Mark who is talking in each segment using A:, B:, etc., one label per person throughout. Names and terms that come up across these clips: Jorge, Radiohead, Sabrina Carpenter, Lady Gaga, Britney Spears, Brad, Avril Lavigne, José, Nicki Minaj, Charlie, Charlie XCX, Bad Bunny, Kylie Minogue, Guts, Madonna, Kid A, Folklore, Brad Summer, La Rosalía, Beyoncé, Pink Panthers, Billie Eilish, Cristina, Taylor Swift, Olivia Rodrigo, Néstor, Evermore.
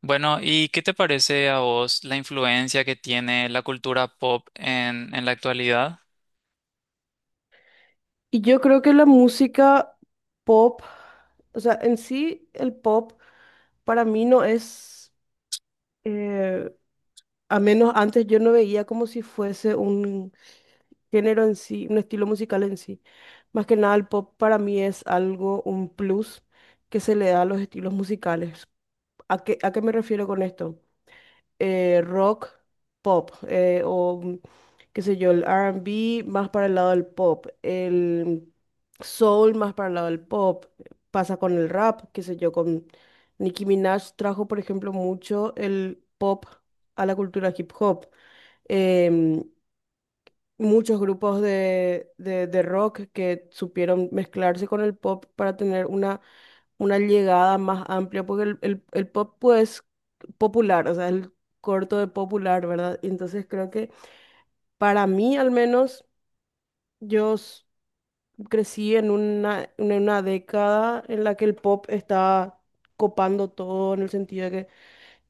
A: Bueno, ¿y qué te parece a vos la influencia que tiene la cultura pop en la actualidad?
B: Y yo creo que la música pop, o sea, en sí el pop para mí no es, eh, a menos antes yo no veía como si fuese un género en sí, un estilo musical en sí. Más que nada el pop para mí es algo, un plus que se le da a los estilos musicales. ¿A qué me refiero con esto? Rock, pop, o qué sé yo, el R&B más para el lado del pop, el soul más para el lado del pop, pasa con el rap, qué sé yo, con Nicki Minaj trajo, por ejemplo, mucho el pop a la cultura hip hop. Em, muchos grupos de rock que supieron mezclarse con el pop para tener una llegada más amplia, porque el pop pues popular, o sea, el corto de popular, ¿verdad? Y entonces creo que para mí al menos yo s- crecí en una década en la que el pop está copando todo en el sentido de que,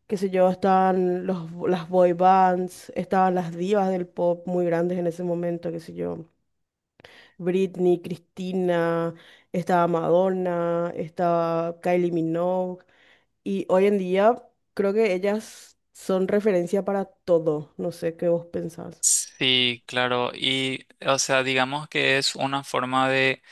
B: qué sé yo, estaban las boy bands, estaban las divas del pop muy grandes en ese momento, qué sé yo. Britney, Cristina, estaba Madonna, estaba Kylie Minogue. Y hoy en día creo que ellas son referencia para todo. No sé qué vos pensás.
A: Sí, claro, y o sea, digamos que es una forma de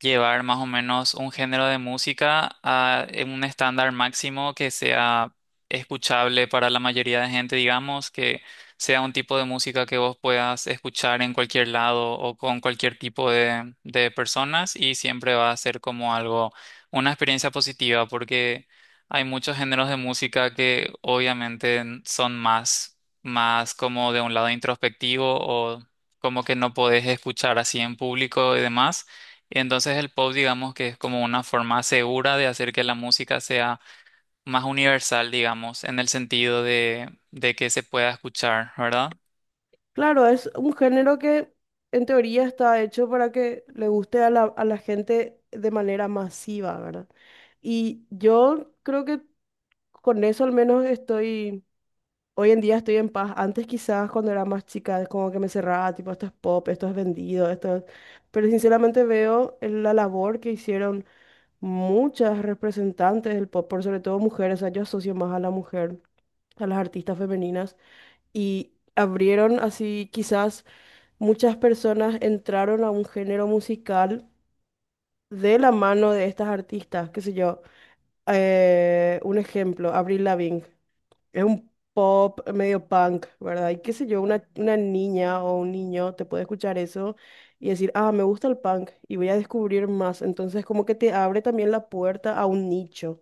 A: llevar más o menos un género de música a en un estándar máximo que sea escuchable para la mayoría de gente, digamos, que sea un tipo de música que vos puedas escuchar en cualquier lado o con cualquier tipo de personas y siempre va a ser como algo, una experiencia positiva porque hay muchos géneros de música que obviamente son más, más como de un lado introspectivo o como que no podés escuchar así en público y demás. Y entonces el pop, digamos que es como una forma segura de hacer que la música sea más universal, digamos, en el sentido de que se pueda escuchar, ¿verdad?
B: Claro, es un género que en teoría está hecho para que le guste a la gente de manera masiva, ¿verdad? Y yo creo que con eso al menos estoy hoy en día estoy en paz. Antes quizás cuando era más chica, como que me cerraba, tipo, esto es pop, esto es vendido, esto es. Pero sinceramente veo la labor que hicieron muchas representantes del pop, por sobre todo mujeres, o sea, yo asocio más a la mujer, a las artistas femeninas, y abrieron así, quizás muchas personas entraron a un género musical de la mano de estas artistas, qué sé yo. Un ejemplo, Avril Lavigne. Es un pop medio punk, ¿verdad? Y qué sé yo, una niña o un niño te puede escuchar eso y decir, ah, me gusta el punk y voy a descubrir más. Entonces, como que te abre también la puerta a un nicho.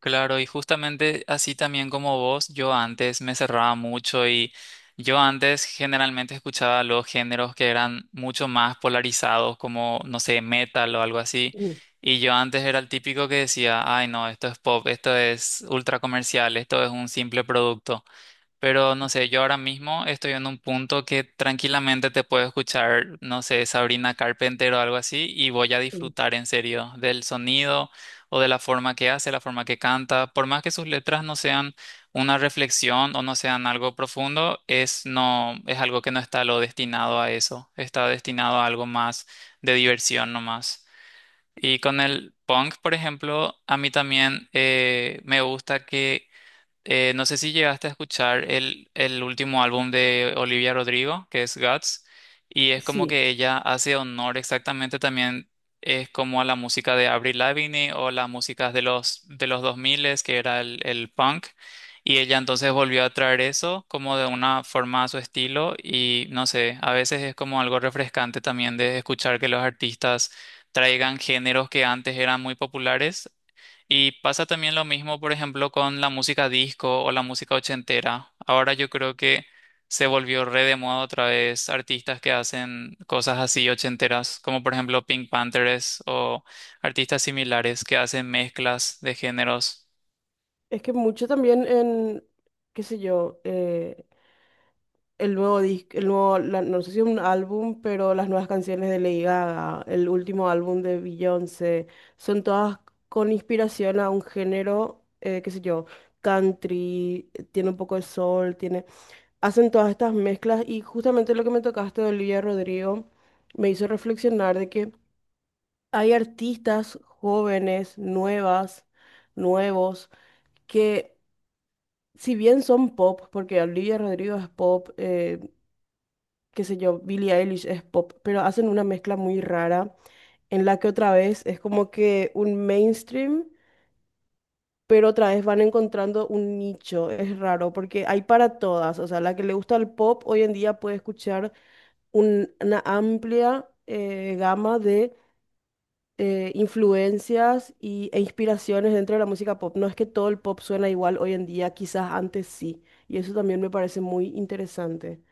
A: Claro, y justamente así también como vos, yo antes me cerraba mucho y yo antes generalmente escuchaba los géneros que eran mucho más polarizados, como, no sé, metal o algo así.
B: Mm,
A: Y yo antes era el típico que decía, ay no, esto es pop, esto es ultra comercial, esto es un simple producto. Pero no sé, yo ahora mismo estoy en un punto que tranquilamente te puedo escuchar, no sé, Sabrina Carpenter o algo así, y voy a
B: sí.
A: disfrutar en serio del sonido o de la forma que hace, la forma que canta. Por más que sus letras no sean una reflexión o no sean algo profundo, es no, es algo que no está lo destinado a eso, está destinado a algo más de diversión nomás. Y con el punk, por ejemplo, a mí también me gusta que no sé si llegaste a escuchar el último álbum de Olivia Rodrigo, que es Guts, y es como
B: Sí.
A: que ella hace honor exactamente también, es como a la música de Avril Lavigne o las músicas de los 2000, que era el punk, y ella entonces volvió a traer eso como de una forma a su estilo, y no sé, a veces es como algo refrescante también de escuchar que los artistas traigan géneros que antes eran muy populares y pasa también lo mismo, por ejemplo, con la música disco o la música ochentera. Ahora yo creo que se volvió re de moda otra vez artistas que hacen cosas así ochenteras, como por ejemplo Pink Panthers o artistas similares que hacen mezclas de géneros.
B: Es que mucho también en, qué sé yo, el nuevo disco, el nuevo, no sé si es un álbum, pero las nuevas canciones de Lady Gaga, el último álbum de Beyoncé, son todas con inspiración a un género, qué sé yo, country, tiene un poco de soul, hacen todas estas mezclas y justamente lo que me tocaste de Olivia Rodrigo me hizo reflexionar de que hay artistas jóvenes, nuevas, nuevos, que si bien son pop, porque Olivia Rodrigo es pop, qué sé yo, Billie Eilish es pop, pero hacen una mezcla muy rara en la que otra vez es como que un mainstream, pero otra vez van encontrando un nicho. Es raro porque hay para todas. O sea, la que le gusta el pop hoy en día puede escuchar una amplia gama de influencias e inspiraciones dentro de la música pop. No es que todo el pop suena igual hoy en día, quizás antes sí. Y eso también me parece muy interesante.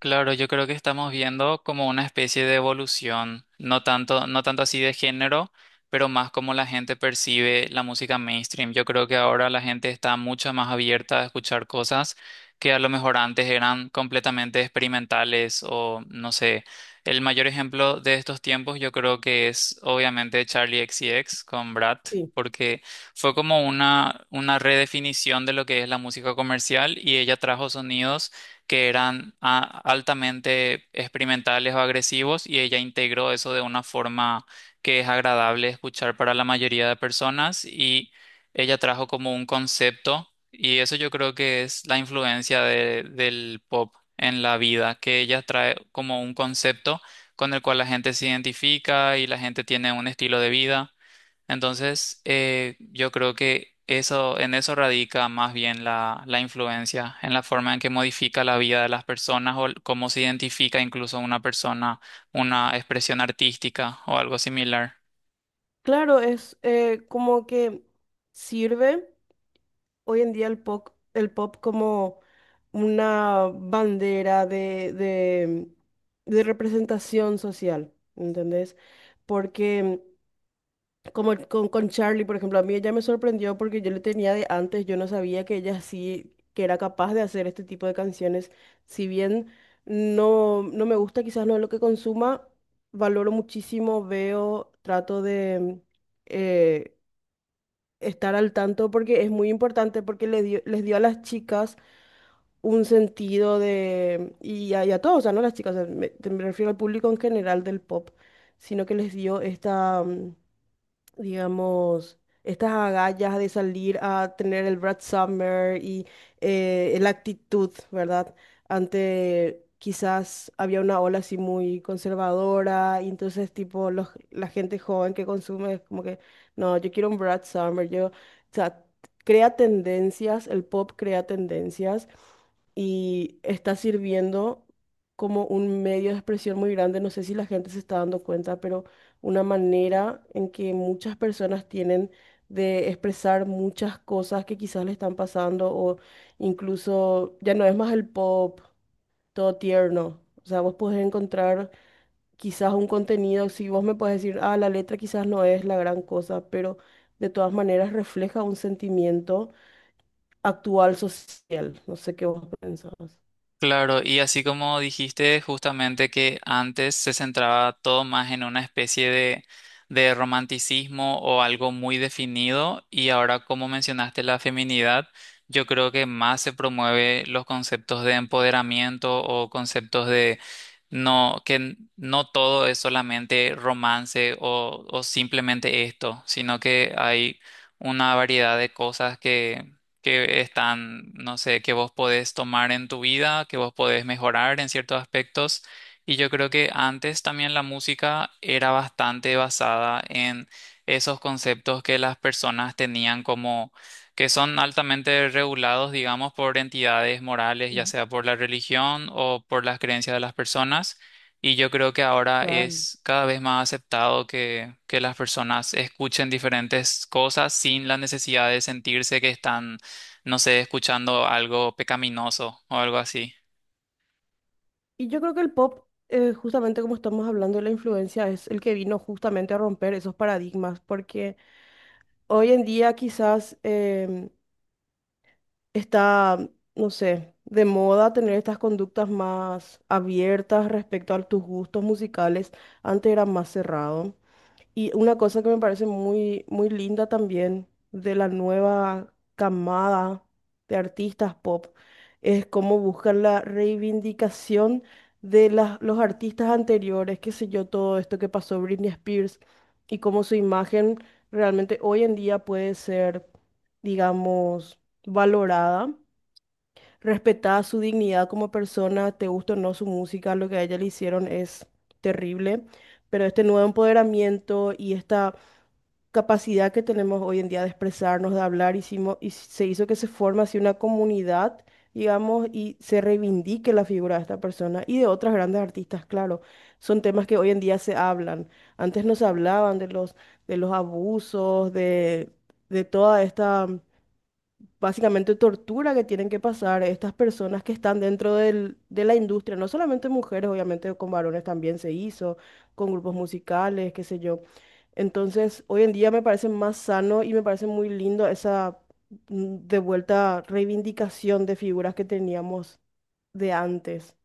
A: Claro, yo creo que estamos viendo como una especie de evolución, no tanto, no tanto así de género, pero más como la gente percibe la música mainstream. Yo creo que ahora la gente está mucho más abierta a escuchar cosas que a lo mejor antes eran completamente experimentales o no sé. El mayor ejemplo de estos tiempos yo creo que es obviamente Charlie XCX con Brad,
B: Sí,
A: porque fue como una redefinición de lo que es la música comercial y ella trajo sonidos que eran a- altamente experimentales o agresivos y ella integró eso de una forma que es agradable escuchar para la mayoría de personas y ella trajo como un concepto y eso yo creo que es la influencia de- del pop en la vida, que ella trae como un concepto con el cual la gente se identifica y la gente tiene un estilo de vida. Entonces, yo creo que eso, en eso radica más bien la, la influencia, en la forma en que modifica la vida de las personas o el- cómo se identifica incluso una persona, una expresión artística o algo similar.
B: claro, es como que sirve hoy en día el pop como una bandera de representación social, ¿entendés? Porque Como con Charlie, por ejemplo, a mí ella me sorprendió porque yo le tenía de antes, yo no sabía que ella sí, que era capaz de hacer este tipo de canciones. Si bien no, no me gusta, quizás no es lo que consuma, valoro muchísimo, veo, trato de eh, estar al tanto porque es muy importante, porque les dio a las chicas un sentido de, y a todos, o sea, no a las chicas, o sea, me refiero al público en general del pop, sino que les dio digamos, estas agallas de salir a tener el Brad Summer y la actitud, ¿verdad? Ante quizás había una ola así muy conservadora y entonces tipo la gente joven que consume es como que, no, yo quiero un Brad Summer, o sea, crea tendencias, el pop crea tendencias y está sirviendo como un medio de expresión muy grande. No sé si la gente se está dando cuenta, pero una manera en que muchas personas tienen de expresar muchas cosas que quizás le están pasando o incluso ya no es más el pop todo tierno. O sea, vos podés encontrar quizás un contenido, si vos me podés decir, ah, la letra quizás no es la gran cosa, pero de todas maneras refleja un sentimiento actual social. No sé qué vos pensás.
A: Claro, y así como dijiste justamente que antes se centraba todo más en una especie de romanticismo o algo muy definido, y ahora como mencionaste la feminidad, yo creo que más se promueve los conceptos de empoderamiento o conceptos de no, que n- no todo es solamente romance o simplemente esto, sino que hay una variedad de cosas que están, no sé, que vos podés tomar en tu vida, que vos podés mejorar en ciertos aspectos. Y yo creo que antes también la música era bastante basada en esos conceptos que las personas tenían como que son altamente regulados, digamos, por entidades morales, ya
B: Ujú.
A: sea por la religión o por las creencias de las personas. Y yo creo que ahora
B: Claro.
A: es cada vez más aceptado que las personas escuchen diferentes cosas sin la necesidad de sentirse que están no sé, escuchando algo pecaminoso o algo así.
B: Y yo creo que el pop, justamente como estamos hablando de la influencia, es el que vino justamente a romper esos paradigmas, porque hoy en día quizás está, no sé, de moda tener estas conductas más abiertas respecto a tus gustos musicales, antes era más cerrado. Y una cosa que me parece muy, muy linda también de la nueva camada de artistas pop es cómo buscan la reivindicación de los artistas anteriores, qué sé yo, todo esto que pasó Britney Spears y cómo su imagen realmente hoy en día puede ser, digamos, valorada. Respetada su dignidad como persona, te gusta o no su música, lo que a ella le hicieron es terrible, pero este nuevo empoderamiento y esta capacidad que tenemos hoy en día de expresarnos, de hablar, y se hizo que se forme así una comunidad, digamos, y se reivindique la figura de esta persona y de otras grandes artistas, claro. Son temas que hoy en día se hablan. Antes no se hablaban de los abusos, de toda esta básicamente tortura que tienen que pasar estas personas que están dentro de la industria, no solamente mujeres, obviamente con varones también se hizo, con grupos musicales, qué sé yo. Entonces, hoy en día me parece más sano y me parece muy lindo esa de vuelta reivindicación de figuras que teníamos de antes.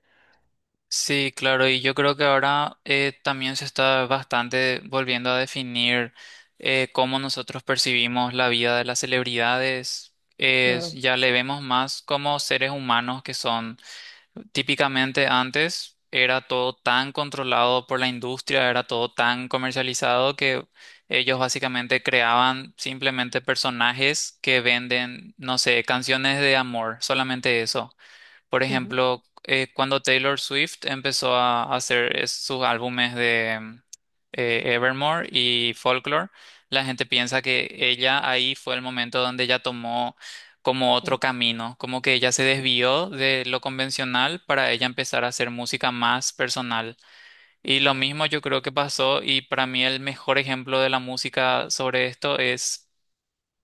A: Sí, claro, y yo creo que ahora también se está bastante volviendo a definir cómo nosotros percibimos la vida de las celebridades. Es-
B: Claro.
A: ya le vemos más como seres humanos que son. Típicamente antes era todo tan controlado por la industria, era todo tan comercializado que ellos básicamente creaban simplemente personajes que venden, no sé, canciones de amor, solamente eso. Por
B: Ujú.
A: ejemplo, cuando Taylor Swift empezó a hacer es- sus álbumes de Evermore y Folklore, la gente piensa que ella ahí fue el momento donde ella tomó como
B: Mm.
A: otro camino, como que ella se desvió de lo convencional para ella empezar a hacer música más personal. Y lo mismo yo creo que pasó y para mí el mejor ejemplo de la música sobre esto es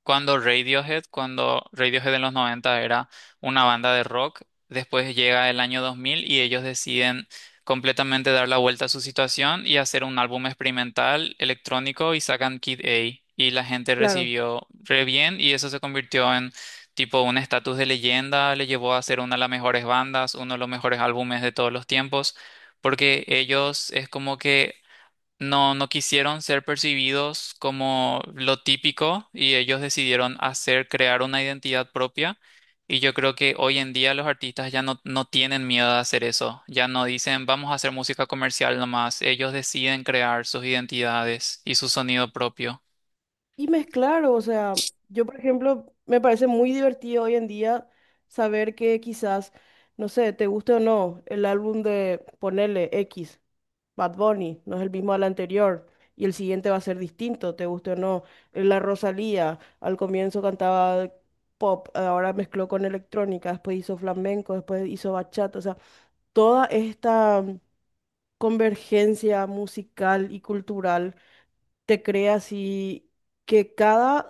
A: cuando Radiohead en los 90 era una banda de rock, después llega el año 2000 y ellos deciden completamente dar la vuelta a su situación y hacer un álbum experimental electrónico y sacan Kid A y la gente
B: Claro.
A: recibió re bien y eso se convirtió en tipo un estatus de leyenda, le llevó a ser una de las mejores bandas, uno de los mejores álbumes de todos los tiempos. Porque ellos es como que no, no quisieron ser percibidos como lo típico y ellos decidieron hacer, crear una identidad propia. Y yo creo que hoy en día los artistas ya no, no tienen miedo de hacer eso. Ya no dicen, vamos a hacer música comercial nomás. Ellos deciden crear sus identidades y su sonido propio.
B: Y mezclar, o sea, yo por ejemplo, me parece muy divertido hoy en día saber que quizás, no sé, te guste o no, el álbum de Ponele X, Bad Bunny, no es el mismo al anterior, y el siguiente va a ser distinto, te guste o no. La Rosalía, al comienzo cantaba pop, ahora mezcló con electrónica, después hizo flamenco, después hizo bachata, o sea, toda esta convergencia musical y cultural te creas y que cada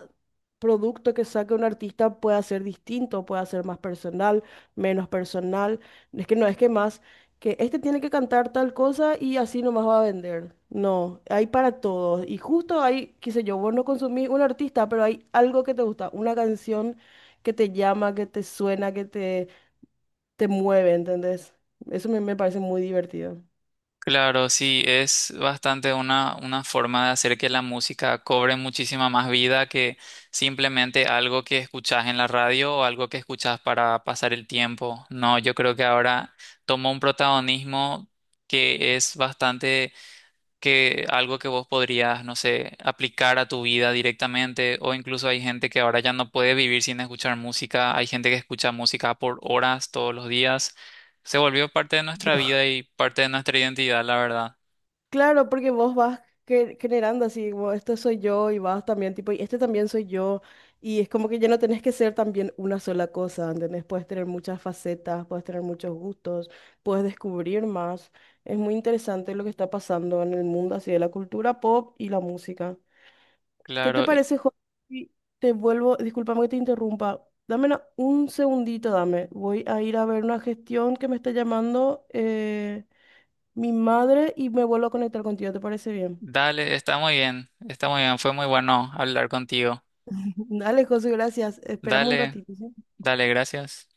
B: producto que saque un artista pueda ser distinto, pueda ser más personal, menos personal. Es que no, es que más, que este tiene que cantar tal cosa y así nomás va a vender. No, hay para todos. Y justo hay, qué sé yo, vos no consumís un artista, pero hay algo que te gusta, una canción que te llama, que te suena, que te mueve, ¿entendés? Eso me parece muy divertido.
A: Claro, sí, es bastante una forma de hacer que la música cobre muchísima más vida que simplemente algo que escuchás en la radio o algo que escuchás para pasar el tiempo. No, yo creo que ahora toma un protagonismo que es bastante que algo que vos podrías, no sé, aplicar a tu vida directamente, o incluso hay gente que ahora ya no puede vivir sin escuchar música, hay gente que escucha música por horas todos los días, se volvió parte de nuestra
B: Yo.
A: vida y parte de nuestra identidad, la verdad.
B: Claro, porque vos vas generando así, como esto soy yo y vas también, tipo, y este también soy yo. Y es como que ya no tenés que ser también una sola cosa, ¿entendés? Puedes tener muchas facetas, puedes tener muchos gustos, puedes descubrir más. Es muy interesante lo que está pasando en el mundo así de la cultura pop y la música. ¿Qué te
A: Claro, y
B: parece, Jorge? Si Te vuelvo, discúlpame que te interrumpa. Dame un segundito, dame. Voy a ir a ver una gestión que me está llamando, mi madre, y me vuelvo a conectar contigo, ¿te parece bien?
A: dale, está muy bien, fue muy bueno hablar contigo.
B: Dale, José, gracias. Esperamos un
A: Dale,
B: ratito, ¿sí?
A: dale, gracias.